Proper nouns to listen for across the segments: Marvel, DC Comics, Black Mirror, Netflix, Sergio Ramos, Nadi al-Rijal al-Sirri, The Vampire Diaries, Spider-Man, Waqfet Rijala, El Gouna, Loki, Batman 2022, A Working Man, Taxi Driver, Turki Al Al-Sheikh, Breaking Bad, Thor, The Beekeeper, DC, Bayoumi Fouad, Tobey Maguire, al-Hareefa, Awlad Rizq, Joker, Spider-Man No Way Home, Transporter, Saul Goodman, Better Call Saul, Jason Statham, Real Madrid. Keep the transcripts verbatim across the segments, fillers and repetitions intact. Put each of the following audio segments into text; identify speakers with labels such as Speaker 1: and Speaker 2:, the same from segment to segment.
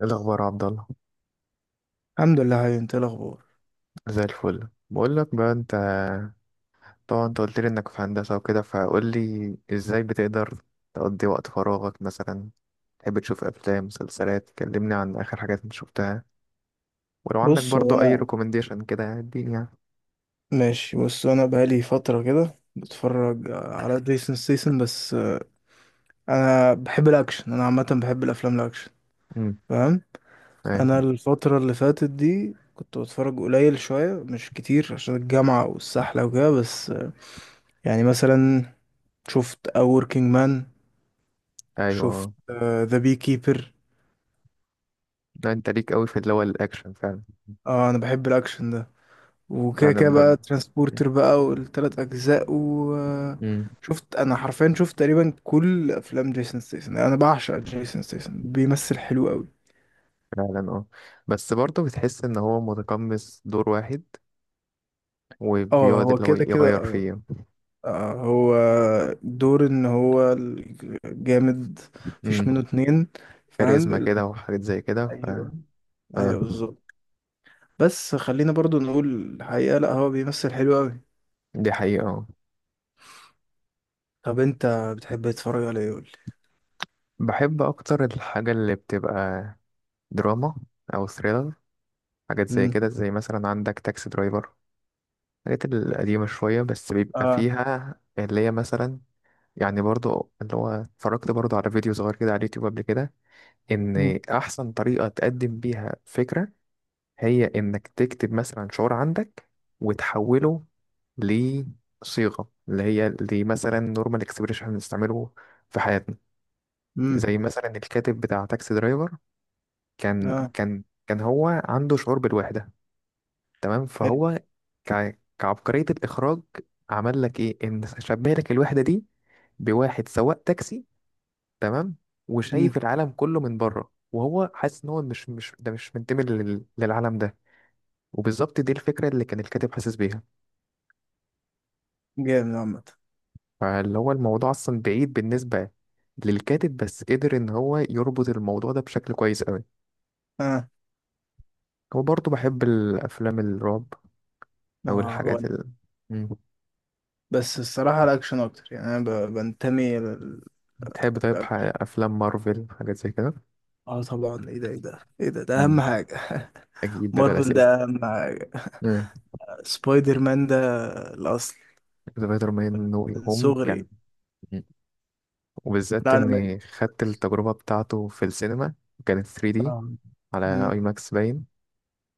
Speaker 1: ايه الاخبار يا عبد الله؟
Speaker 2: الحمد لله. هاي انت، إيه الاخبار؟
Speaker 1: زي الفل، بقول لك بقى، انت. طبعا انت قلت لي انك في هندسه وكده، فقول لي ازاي بتقدر تقضي وقت فراغك مثلا. تحب تشوف افلام، مسلسلات؟ كلمني عن اخر حاجات انت شفتها، ولو عندك
Speaker 2: بص هو
Speaker 1: برضو اي
Speaker 2: انا،
Speaker 1: ريكومنديشن كده يعني، اديني يعني.
Speaker 2: ماشي. بص انا بقالي فتره كده بتفرج على جيسون ستيسن بس. انا بحب الاكشن، انا عامه بحب الافلام الاكشن،
Speaker 1: امم.
Speaker 2: فاهم. انا
Speaker 1: ايوه.
Speaker 2: الفتره اللي فاتت دي كنت بتفرج قليل شويه مش كتير عشان الجامعه والسحله وكده، بس يعني مثلا شفت A Working Man، شفت
Speaker 1: ايوه.
Speaker 2: ذا بي كيبر،
Speaker 1: لا انت ليك قوي في اللي هو الاكشن فعلا.
Speaker 2: اه The Beekeeper. آه، انا بحب الاكشن ده،
Speaker 1: لا
Speaker 2: وكده
Speaker 1: انا
Speaker 2: كده
Speaker 1: ب...
Speaker 2: بقى ترانسبورتر بقى والتلات أجزاء.
Speaker 1: امم،
Speaker 2: وشفت أنا حرفيا، شفت تقريبا كل أفلام جيسون ستيسن. أنا بعشق جيسون ستيسن، بيمثل حلو أوي.
Speaker 1: فعلا اه. بس برضه بتحس ان هو متقمص دور واحد،
Speaker 2: اه
Speaker 1: وبيقعد
Speaker 2: هو
Speaker 1: اللي هو
Speaker 2: كده كده،
Speaker 1: يغير
Speaker 2: اه.
Speaker 1: فيه.
Speaker 2: آه، هو دور إن هو الجامد، مفيش
Speaker 1: امم.
Speaker 2: منه اتنين، فاهم
Speaker 1: كاريزما
Speaker 2: ال-
Speaker 1: كده وحاجات زي كده. اه،
Speaker 2: أيوه، أيوه بالظبط. بس خلينا برضو نقول الحقيقة، لأ هو بيمثل حلو أوي.
Speaker 1: دي حقيقة اه.
Speaker 2: طب أنت بتحب تتفرج على إيه، قولي؟
Speaker 1: بحب أكتر الحاجة اللي بتبقى دراما أو ثريلر، حاجات زي
Speaker 2: مم.
Speaker 1: كده. زي مثلا عندك تاكسي درايفر، الحاجات القديمة شوية، بس بيبقى
Speaker 2: اه.
Speaker 1: فيها اللي هي مثلا، يعني، برضو اللي هو اتفرجت برضو على فيديو صغير كده على اليوتيوب قبل كده،
Speaker 2: مم.
Speaker 1: إن أحسن طريقة تقدم بيها فكرة هي إنك تكتب مثلا شعور عندك وتحوله لصيغة اللي هي اللي مثلا نورمال اكسبريشن بنستعمله في حياتنا.
Speaker 2: مم.
Speaker 1: زي مثلا الكاتب بتاع تاكسي درايفر، كان
Speaker 2: اه
Speaker 1: كان كان هو عنده شعور بالوحدة، تمام؟
Speaker 2: حلو.
Speaker 1: فهو ك... كعبقرية الإخراج عمل لك إيه، إن شبه لك الوحدة دي بواحد سواق تاكسي، تمام؟ وشايف العالم كله من بره، وهو حاسس إن هو مش مش ده مش منتمي لل... للعالم ده. وبالظبط دي الفكرة اللي كان الكاتب حاسس بيها.
Speaker 2: جامد عامة.
Speaker 1: فاللي هو الموضوع أصلا بعيد بالنسبة للكاتب، بس قدر إن هو يربط الموضوع ده بشكل كويس أوي.
Speaker 2: اه
Speaker 1: وبرضه بحب الأفلام الرعب او
Speaker 2: هو هو
Speaker 1: الحاجات
Speaker 2: أنا.
Speaker 1: ال... مم.
Speaker 2: بس الصراحة الأكشن أكتر، يعني أنا ب- بنتمي لل-
Speaker 1: بتحب طيب ح-
Speaker 2: للأكشن.
Speaker 1: افلام مارفل حاجات زي كده؟
Speaker 2: اه طبعا، ايه ده ايه ده ايه ده، ده
Speaker 1: مم.
Speaker 2: أهم حاجة
Speaker 1: اكيد، ده ده
Speaker 2: مارفل
Speaker 1: الاساس.
Speaker 2: ده أهم حاجة.
Speaker 1: مم.
Speaker 2: سبايدر مان ده الأصل،
Speaker 1: سبايدر مان نو واي
Speaker 2: من
Speaker 1: هوم كان،
Speaker 2: صغري.
Speaker 1: مم، وبالذات
Speaker 2: لا أنا
Speaker 1: اني خدت
Speaker 2: بحبس.
Speaker 1: التجربة بتاعته في السينما، كانت ثري دي
Speaker 2: آه.
Speaker 1: على
Speaker 2: مم.
Speaker 1: اي ماكس باين،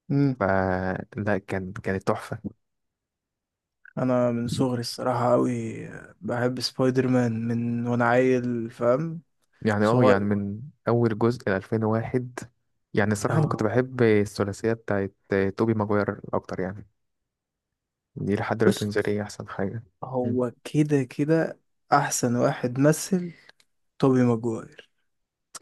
Speaker 2: مم.
Speaker 1: فلا كان كانت تحفة
Speaker 2: أنا من صغري الصراحة أوي بحب سبايدر مان من وأنا عيل، فاهم،
Speaker 1: يعني. اه يعني،
Speaker 2: صغير.
Speaker 1: من اول جزء ل ألفين وواحد، يعني الصراحة انا كنت
Speaker 2: اه.
Speaker 1: بحب الثلاثية بتاعت توبي ماجوير اكتر يعني. دي لحد دلوقتي
Speaker 2: بص
Speaker 1: بالنسبة لي احسن حاجة.
Speaker 2: هو كده كده أحسن واحد مثل توبي ماجواير.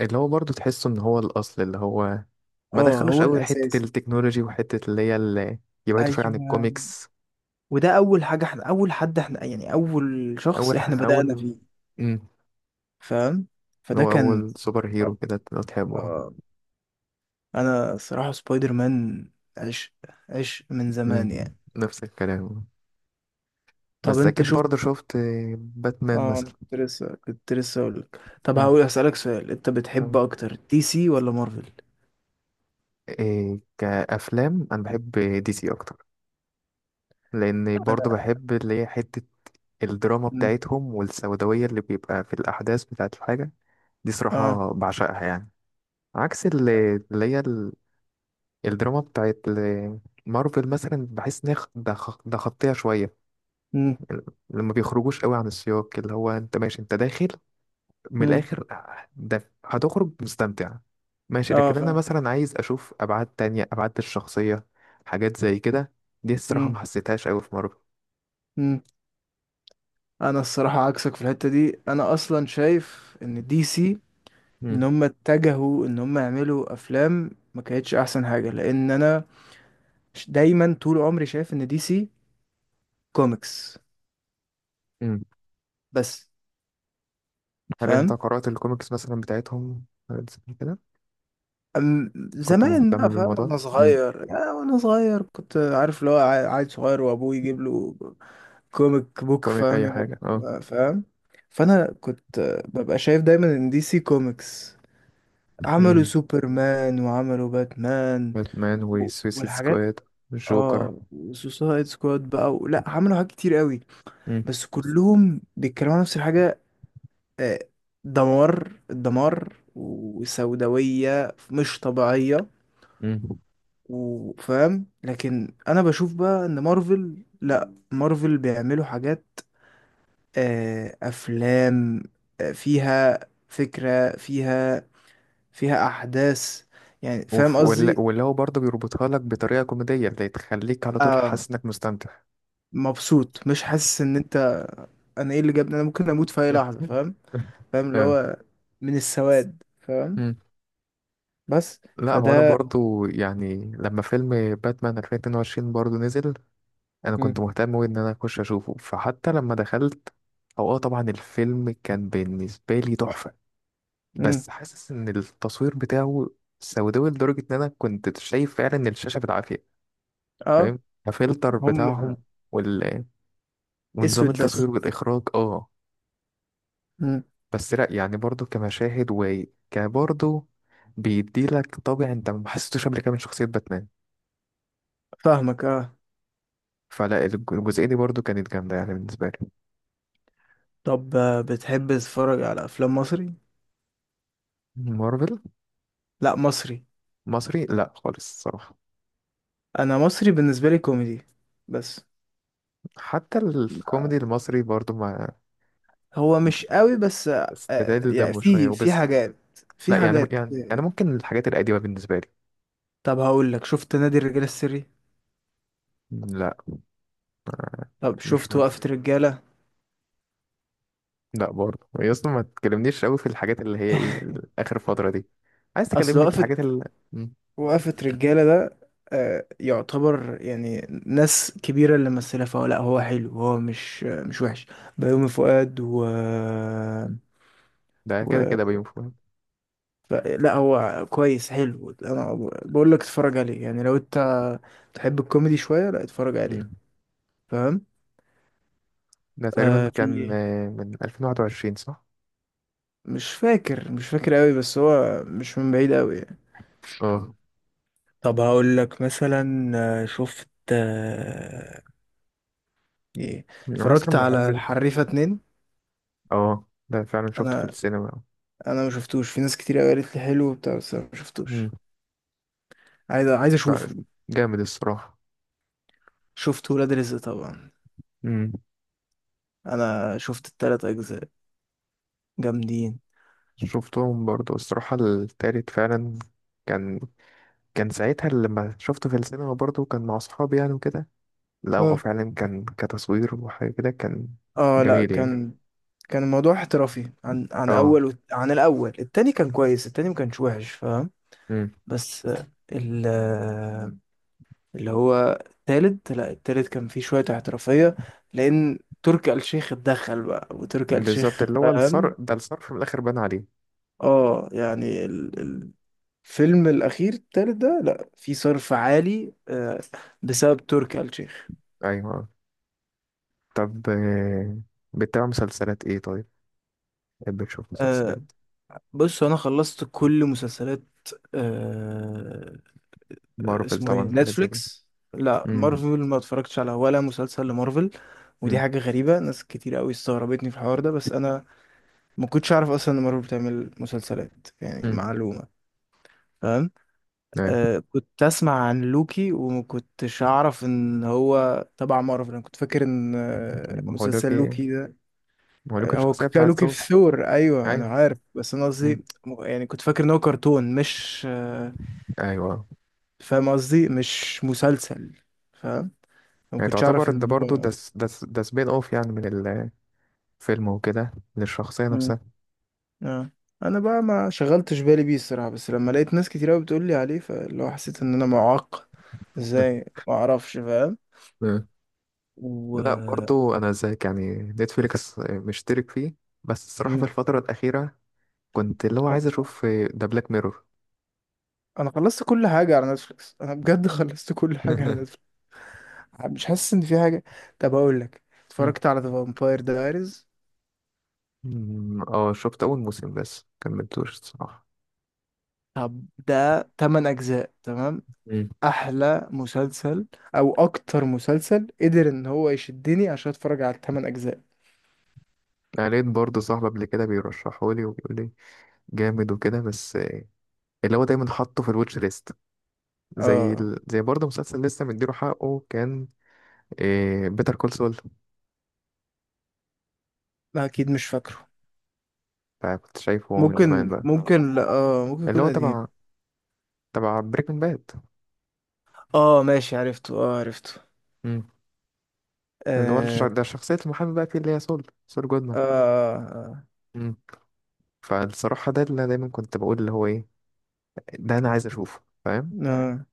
Speaker 1: اللي هو برضه تحسه ان هو الاصل، اللي هو ما
Speaker 2: اه
Speaker 1: دخلوش
Speaker 2: هو
Speaker 1: قوي حته
Speaker 2: الاساس.
Speaker 1: التكنولوجي، وحته اللي هي اللي يبعدوا شويه عن
Speaker 2: ايوه،
Speaker 1: الكوميكس.
Speaker 2: وده اول حاجه احنا، اول حد احنا، يعني اول شخص
Speaker 1: اول
Speaker 2: احنا
Speaker 1: ح...
Speaker 2: بدأنا
Speaker 1: اول
Speaker 2: فيه،
Speaker 1: امم،
Speaker 2: فاهم.
Speaker 1: اللي
Speaker 2: فده
Speaker 1: هو
Speaker 2: كان
Speaker 1: اول سوبر هيرو كده لو تحبه.
Speaker 2: آه، انا صراحه سبايدر مان عشق، عشق من زمان
Speaker 1: امم،
Speaker 2: يعني.
Speaker 1: نفس الكلام.
Speaker 2: طب
Speaker 1: بس
Speaker 2: انت
Speaker 1: اكيد
Speaker 2: شوف،
Speaker 1: برضه شفت باتمان
Speaker 2: اه انا
Speaker 1: مثلا.
Speaker 2: كنت لسه، كنت لسه اقول لك، طب
Speaker 1: امم،
Speaker 2: هقول اسالك سؤال، انت بتحب
Speaker 1: تمام.
Speaker 2: اكتر دي سي ولا مارفل؟
Speaker 1: إيه كافلام، انا بحب دي سي اكتر، لان
Speaker 2: انا
Speaker 1: برضه بحب اللي هي حته الدراما
Speaker 2: مم.
Speaker 1: بتاعتهم والسوداويه اللي بيبقى في الاحداث بتاعت الحاجه دي،
Speaker 2: اه.
Speaker 1: صراحه بعشقها يعني. عكس ال- اللي هي ال- الدراما بتاعت ال- مارفل مثلا، بحس ان هي خ- ده خ- ده خطيه شويه،
Speaker 2: مم.
Speaker 1: لما ما بيخرجوش قوي عن السياق. اللي هو انت ماشي، انت داخل من
Speaker 2: مم.
Speaker 1: الاخر، ده هتخرج مستمتع ماشي،
Speaker 2: اه
Speaker 1: لكن انا
Speaker 2: فاهم.
Speaker 1: مثلا عايز اشوف ابعاد تانية، ابعاد الشخصيه، حاجات زي كده. دي الصراحه
Speaker 2: مم.
Speaker 1: ما حسيتهاش قوي في مارفل.
Speaker 2: مم. انا الصراحه عكسك في الحته دي، انا اصلا شايف ان دي سي،
Speaker 1: مم.
Speaker 2: ان هم اتجهوا ان هم يعملوا افلام ما كانتش احسن حاجه، لان انا ش- دايما طول عمري شايف ان دي سي كوميكس،
Speaker 1: مم.
Speaker 2: بس،
Speaker 1: هل انت
Speaker 2: فاهم.
Speaker 1: قرات الكوميكس مثلا بتاعتهم حاجات زي كده؟
Speaker 2: أم
Speaker 1: كنت
Speaker 2: زمان بقى،
Speaker 1: مهتم
Speaker 2: فاهم،
Speaker 1: بالموضوع؟
Speaker 2: وانا
Speaker 1: مم،
Speaker 2: صغير، يعني وانا صغير كنت عارف اللي هو عا- عيل صغير وابوه يجيب له كوميك بوك،
Speaker 1: كوميك
Speaker 2: فاهم،
Speaker 1: اي حاجه؟
Speaker 2: يقعد- فاهم. فانا كنت ببقى شايف دايما ان دي سي كوميكس عملوا
Speaker 1: اه،
Speaker 2: سوبرمان وعملوا باتمان
Speaker 1: باتمان
Speaker 2: و-
Speaker 1: وسويسيد
Speaker 2: والحاجات،
Speaker 1: سكواد، جوكر.
Speaker 2: اه وسوسايد سكواد بقى و... لا عملوا حاجات كتير قوي،
Speaker 1: مم.
Speaker 2: بس كلهم بيتكلموا عن نفس الحاجة. آه، دمار، الدمار وسوداوية مش طبيعية،
Speaker 1: مم.
Speaker 2: وفاهم. لكن أنا بشوف بقى إن مارفل لأ، مارفل بيعملوا حاجات، آه، أفلام آه، فيها فكرة، فيها، فيها أحداث، يعني فاهم
Speaker 1: وف... ولا...
Speaker 2: قصدي.
Speaker 1: ولا هو برضه بيربطها لك بطريقة كوميدية اللي تخليك على طول
Speaker 2: آه.
Speaker 1: حاسس انك مستمتع.
Speaker 2: مبسوط، مش حاسس إن أنت، أنا إيه اللي جابني، أنا ممكن أموت في أي لحظة، فاهم. فاهم اللي
Speaker 1: آه.
Speaker 2: هو من السواد، فاهم.
Speaker 1: مم.
Speaker 2: بس
Speaker 1: لا هو انا
Speaker 2: فده
Speaker 1: برضو يعني لما فيلم باتمان ألفين واثنين وعشرين برضو نزل، انا كنت مهتم أوي ان انا اخش اشوفه، فحتى لما دخلت، او اه طبعا الفيلم كان بالنسبة لي تحفة،
Speaker 2: مم.
Speaker 1: بس حاسس ان التصوير بتاعه سوداوي لدرجة ان انا كنت شايف فعلا الشاشة بالعافية.
Speaker 2: اه.
Speaker 1: فاهم؟ الفلتر
Speaker 2: هم
Speaker 1: بتاعهم وال... ونظام
Speaker 2: اسود بس.
Speaker 1: التصوير والإخراج، اه.
Speaker 2: مم.
Speaker 1: بس لأ يعني، برضو كمشاهد وكبرضو بيديلك طابع انت ما حسيتوش قبل كده من شخصية باتمان.
Speaker 2: فاهمك، اه.
Speaker 1: فلا الج- الجزئية دي برضو كانت جامدة يعني بالنسبة لي.
Speaker 2: طب آه، بتحب تتفرج على افلام مصري؟
Speaker 1: مارفل.
Speaker 2: لا مصري،
Speaker 1: مصري؟ لا خالص الصراحة.
Speaker 2: انا مصري بالنسبه لي كوميدي بس.
Speaker 1: حتى الكوميدي المصري برضو ما
Speaker 2: هو مش قوي بس آه، آه،
Speaker 1: استدل
Speaker 2: يعني
Speaker 1: دمه شوية
Speaker 2: في، في
Speaker 1: وبس.
Speaker 2: حاجات،
Speaker 1: لا
Speaker 2: في
Speaker 1: يعني
Speaker 2: حاجات
Speaker 1: يعني يعني
Speaker 2: آه،
Speaker 1: ممكن الحاجات القديمة بالنسبة لي.
Speaker 2: طب هقول لك، شفت نادي الرجال السري؟
Speaker 1: لا ما-
Speaker 2: طب
Speaker 1: مش
Speaker 2: شفت وقفه رجاله؟
Speaker 1: لا برضه يا اسطى، ما تكلمنيش قوي في الحاجات اللي هي ايه ال- اخر فتره دي. عايز
Speaker 2: اصل
Speaker 1: تكلمني في
Speaker 2: وقفه،
Speaker 1: الحاجات اللي،
Speaker 2: وقفة رجالة ده آه، يعتبر يعني ناس كبيرة اللي ممثلة، فهو لا هو حلو، هو مش، مش وحش. بيومي فؤاد و,
Speaker 1: ده كده
Speaker 2: و...
Speaker 1: كده بيوم فؤاد.
Speaker 2: ف... لا هو كويس، حلو. انا بقول لك اتفرج عليه، يعني لو انت تحب الكوميدي شوية، لا اتفرج
Speaker 1: مم.
Speaker 2: عليه، فاهم.
Speaker 1: ده تقريبا
Speaker 2: آه
Speaker 1: كان
Speaker 2: في،
Speaker 1: آه، من ألفين وواحد وعشرين، صح؟
Speaker 2: مش فاكر، مش فاكر قوي، بس هو مش من بعيد قوي يعني.
Speaker 1: اه.
Speaker 2: طب هقول لك مثلا، آه، شفت آه، ايه،
Speaker 1: انا
Speaker 2: اتفرجت
Speaker 1: مثلا بحب
Speaker 2: على
Speaker 1: ال...
Speaker 2: الحريفة اتنين؟
Speaker 1: اه، ده فعلا شفته في
Speaker 2: انا،
Speaker 1: السينما.
Speaker 2: انا ما شفتوش. في ناس كتير قوي قالت لي حلو وبتاع، بس انا ما
Speaker 1: مم.
Speaker 2: شفتوش. عايز، عايز اشوفه.
Speaker 1: لا، جامد الصراحه.
Speaker 2: شفت ولاد رزق طبعا،
Speaker 1: مم.
Speaker 2: انا شفت التلات اجزاء، جامدين.
Speaker 1: شفتهم برضه الصراحه. التالت فعلا كان، كان ساعتها لما شفته في السينما برضه كان مع اصحابي يعني وكده. لا هو
Speaker 2: اه
Speaker 1: فعلا كان كتصوير وحاجه كده كان
Speaker 2: اه، لا
Speaker 1: جميل يعني.
Speaker 2: كان، كان الموضوع احترافي عن، عن
Speaker 1: اه،
Speaker 2: اول وت- عن الاول، التاني كان كويس، التاني ما كانش وحش، فاهم.
Speaker 1: امم.
Speaker 2: بس آه، ال آه، اللي هو التالت، لا التالت كان فيه شوية احترافية لان تركي آل الشيخ اتدخل بقى، وتركي آل
Speaker 1: بالظبط،
Speaker 2: الشيخ
Speaker 1: اللي هو الصرف
Speaker 2: فاهم.
Speaker 1: ده، الصرف من الاخر بان عليه.
Speaker 2: اه يعني فيلم الأخير التالت ده لأ، في صرف عالي آه، بسبب تركي آل الشيخ.
Speaker 1: ايوه آه. طب آه، بتتابع مسلسلات ايه طيب؟ بتحب تشوف
Speaker 2: آه،
Speaker 1: مسلسلات
Speaker 2: بص أنا خلصت كل مسلسلات آه،
Speaker 1: مارفل
Speaker 2: اسمه إيه،
Speaker 1: طبعا حاجات زي دي؟
Speaker 2: نتفليكس. لأ
Speaker 1: امم.
Speaker 2: مارفل ما اتفرجتش على ولا مسلسل لمارفل. ودي
Speaker 1: امم.
Speaker 2: حاجة غريبة، ناس كتير قوي استغربتني في الحوار ده، بس أنا ما كنتش أعرف أصلا إن مارفل بتعمل مسلسلات، يعني
Speaker 1: امم.
Speaker 2: معلومة، فاهم.
Speaker 1: ايوه.
Speaker 2: آه، كنت اسمع عن لوكي ومكنتش اعرف ان هو تبع مارفل، انا كنت فاكر ان آه،
Speaker 1: مهولوك،
Speaker 2: مسلسل لوكي ده
Speaker 1: مهولوك
Speaker 2: آه، هو
Speaker 1: الشخصيه
Speaker 2: كان لوكي
Speaker 1: بتاعته.
Speaker 2: في ثور، ايوه انا
Speaker 1: ايوه،
Speaker 2: عارف، بس انا
Speaker 1: امم،
Speaker 2: قصدي م- يعني كنت فاكر ان هو كرتون مش آه،
Speaker 1: ايوه.
Speaker 2: فاهم قصدي، مش مسلسل، فاهم. ما
Speaker 1: يعني
Speaker 2: كنتش اعرف
Speaker 1: تعتبر ده
Speaker 2: ان
Speaker 1: برضه ده
Speaker 2: هو
Speaker 1: س- ده س- ده سبين اوف يعني من الفيلم وكده، للشخصيه
Speaker 2: مم.
Speaker 1: نفسها.
Speaker 2: آه. انا بقى ما شغلتش بالي بيه الصراحه، بس لما لقيت ناس كتير قوي بتقول لي عليه، فاللي هو حسيت ان انا معاق،
Speaker 1: مم.
Speaker 2: ازاي ما اعرفش، فاهم.
Speaker 1: مم. لا
Speaker 2: و
Speaker 1: برضه انا زيك يعني، نتفليكس مشترك فيه، بس الصراحه في
Speaker 2: مم.
Speaker 1: الفتره الاخيره كنت اللي هو عايز اشوف ده بلاك ميرور.
Speaker 2: انا خلصت كل حاجه على نتفليكس، انا بجد خلصت كل حاجه على نتفليكس. مش حاسس ان في حاجه. طب اقول لك، اتفرجت على ذا فامباير دايريز؟
Speaker 1: مم. اه، شفت اول موسم بس كملتوش الصراحه.
Speaker 2: طب ده تمن اجزاء، تمام،
Speaker 1: مم.
Speaker 2: احلى مسلسل، او اكتر مسلسل قدر ان هو يشدني عشان اتفرج على الثمان اجزاء.
Speaker 1: يعني لقيت برضه صاحب قبل كده بيرشحه لي وبيقول لي جامد وكده، بس اللي هو دايما حاطه في الواتش ليست. زي
Speaker 2: اه
Speaker 1: ال... زي برضه مسلسل لسه مديله حقه كان إيه، بيتر كول سول.
Speaker 2: لا اكيد، مش فاكره.
Speaker 1: فكنت شايفه من زمان
Speaker 2: ممكن،
Speaker 1: بقى.
Speaker 2: ممكن، لا اه ممكن
Speaker 1: اللي
Speaker 2: يكون
Speaker 1: هو
Speaker 2: قديم.
Speaker 1: تبع، تبع بريكنج باد.
Speaker 2: اه ماشي، عرفته، اه عرفته.
Speaker 1: مم. اللي هو الش...
Speaker 2: اه
Speaker 1: ده شخصية المحامي بقى فيه، اللي هي سول، سول جودمان.
Speaker 2: اه, آه. آه.
Speaker 1: مم. فالصراحة ده اللي أنا دايما كنت بقول اللي هو ايه، ده انا عايز اشوفه، فاهم؟
Speaker 2: آه، آه،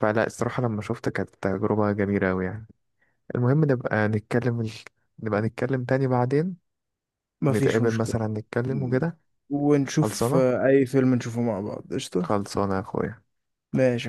Speaker 1: فلا الصراحة لما شفت كانت تجربة جميلة أوي يعني. المهم نبقى نتكلم ال... نبقى نتكلم تاني بعدين،
Speaker 2: مفيش
Speaker 1: نتقابل
Speaker 2: مشكله.
Speaker 1: مثلا، نتكلم وكده.
Speaker 2: ونشوف
Speaker 1: خلصانة،
Speaker 2: آه، أي فيلم نشوفه مع بعض، قشطة.
Speaker 1: خلصانة يا أخويا.
Speaker 2: ماشي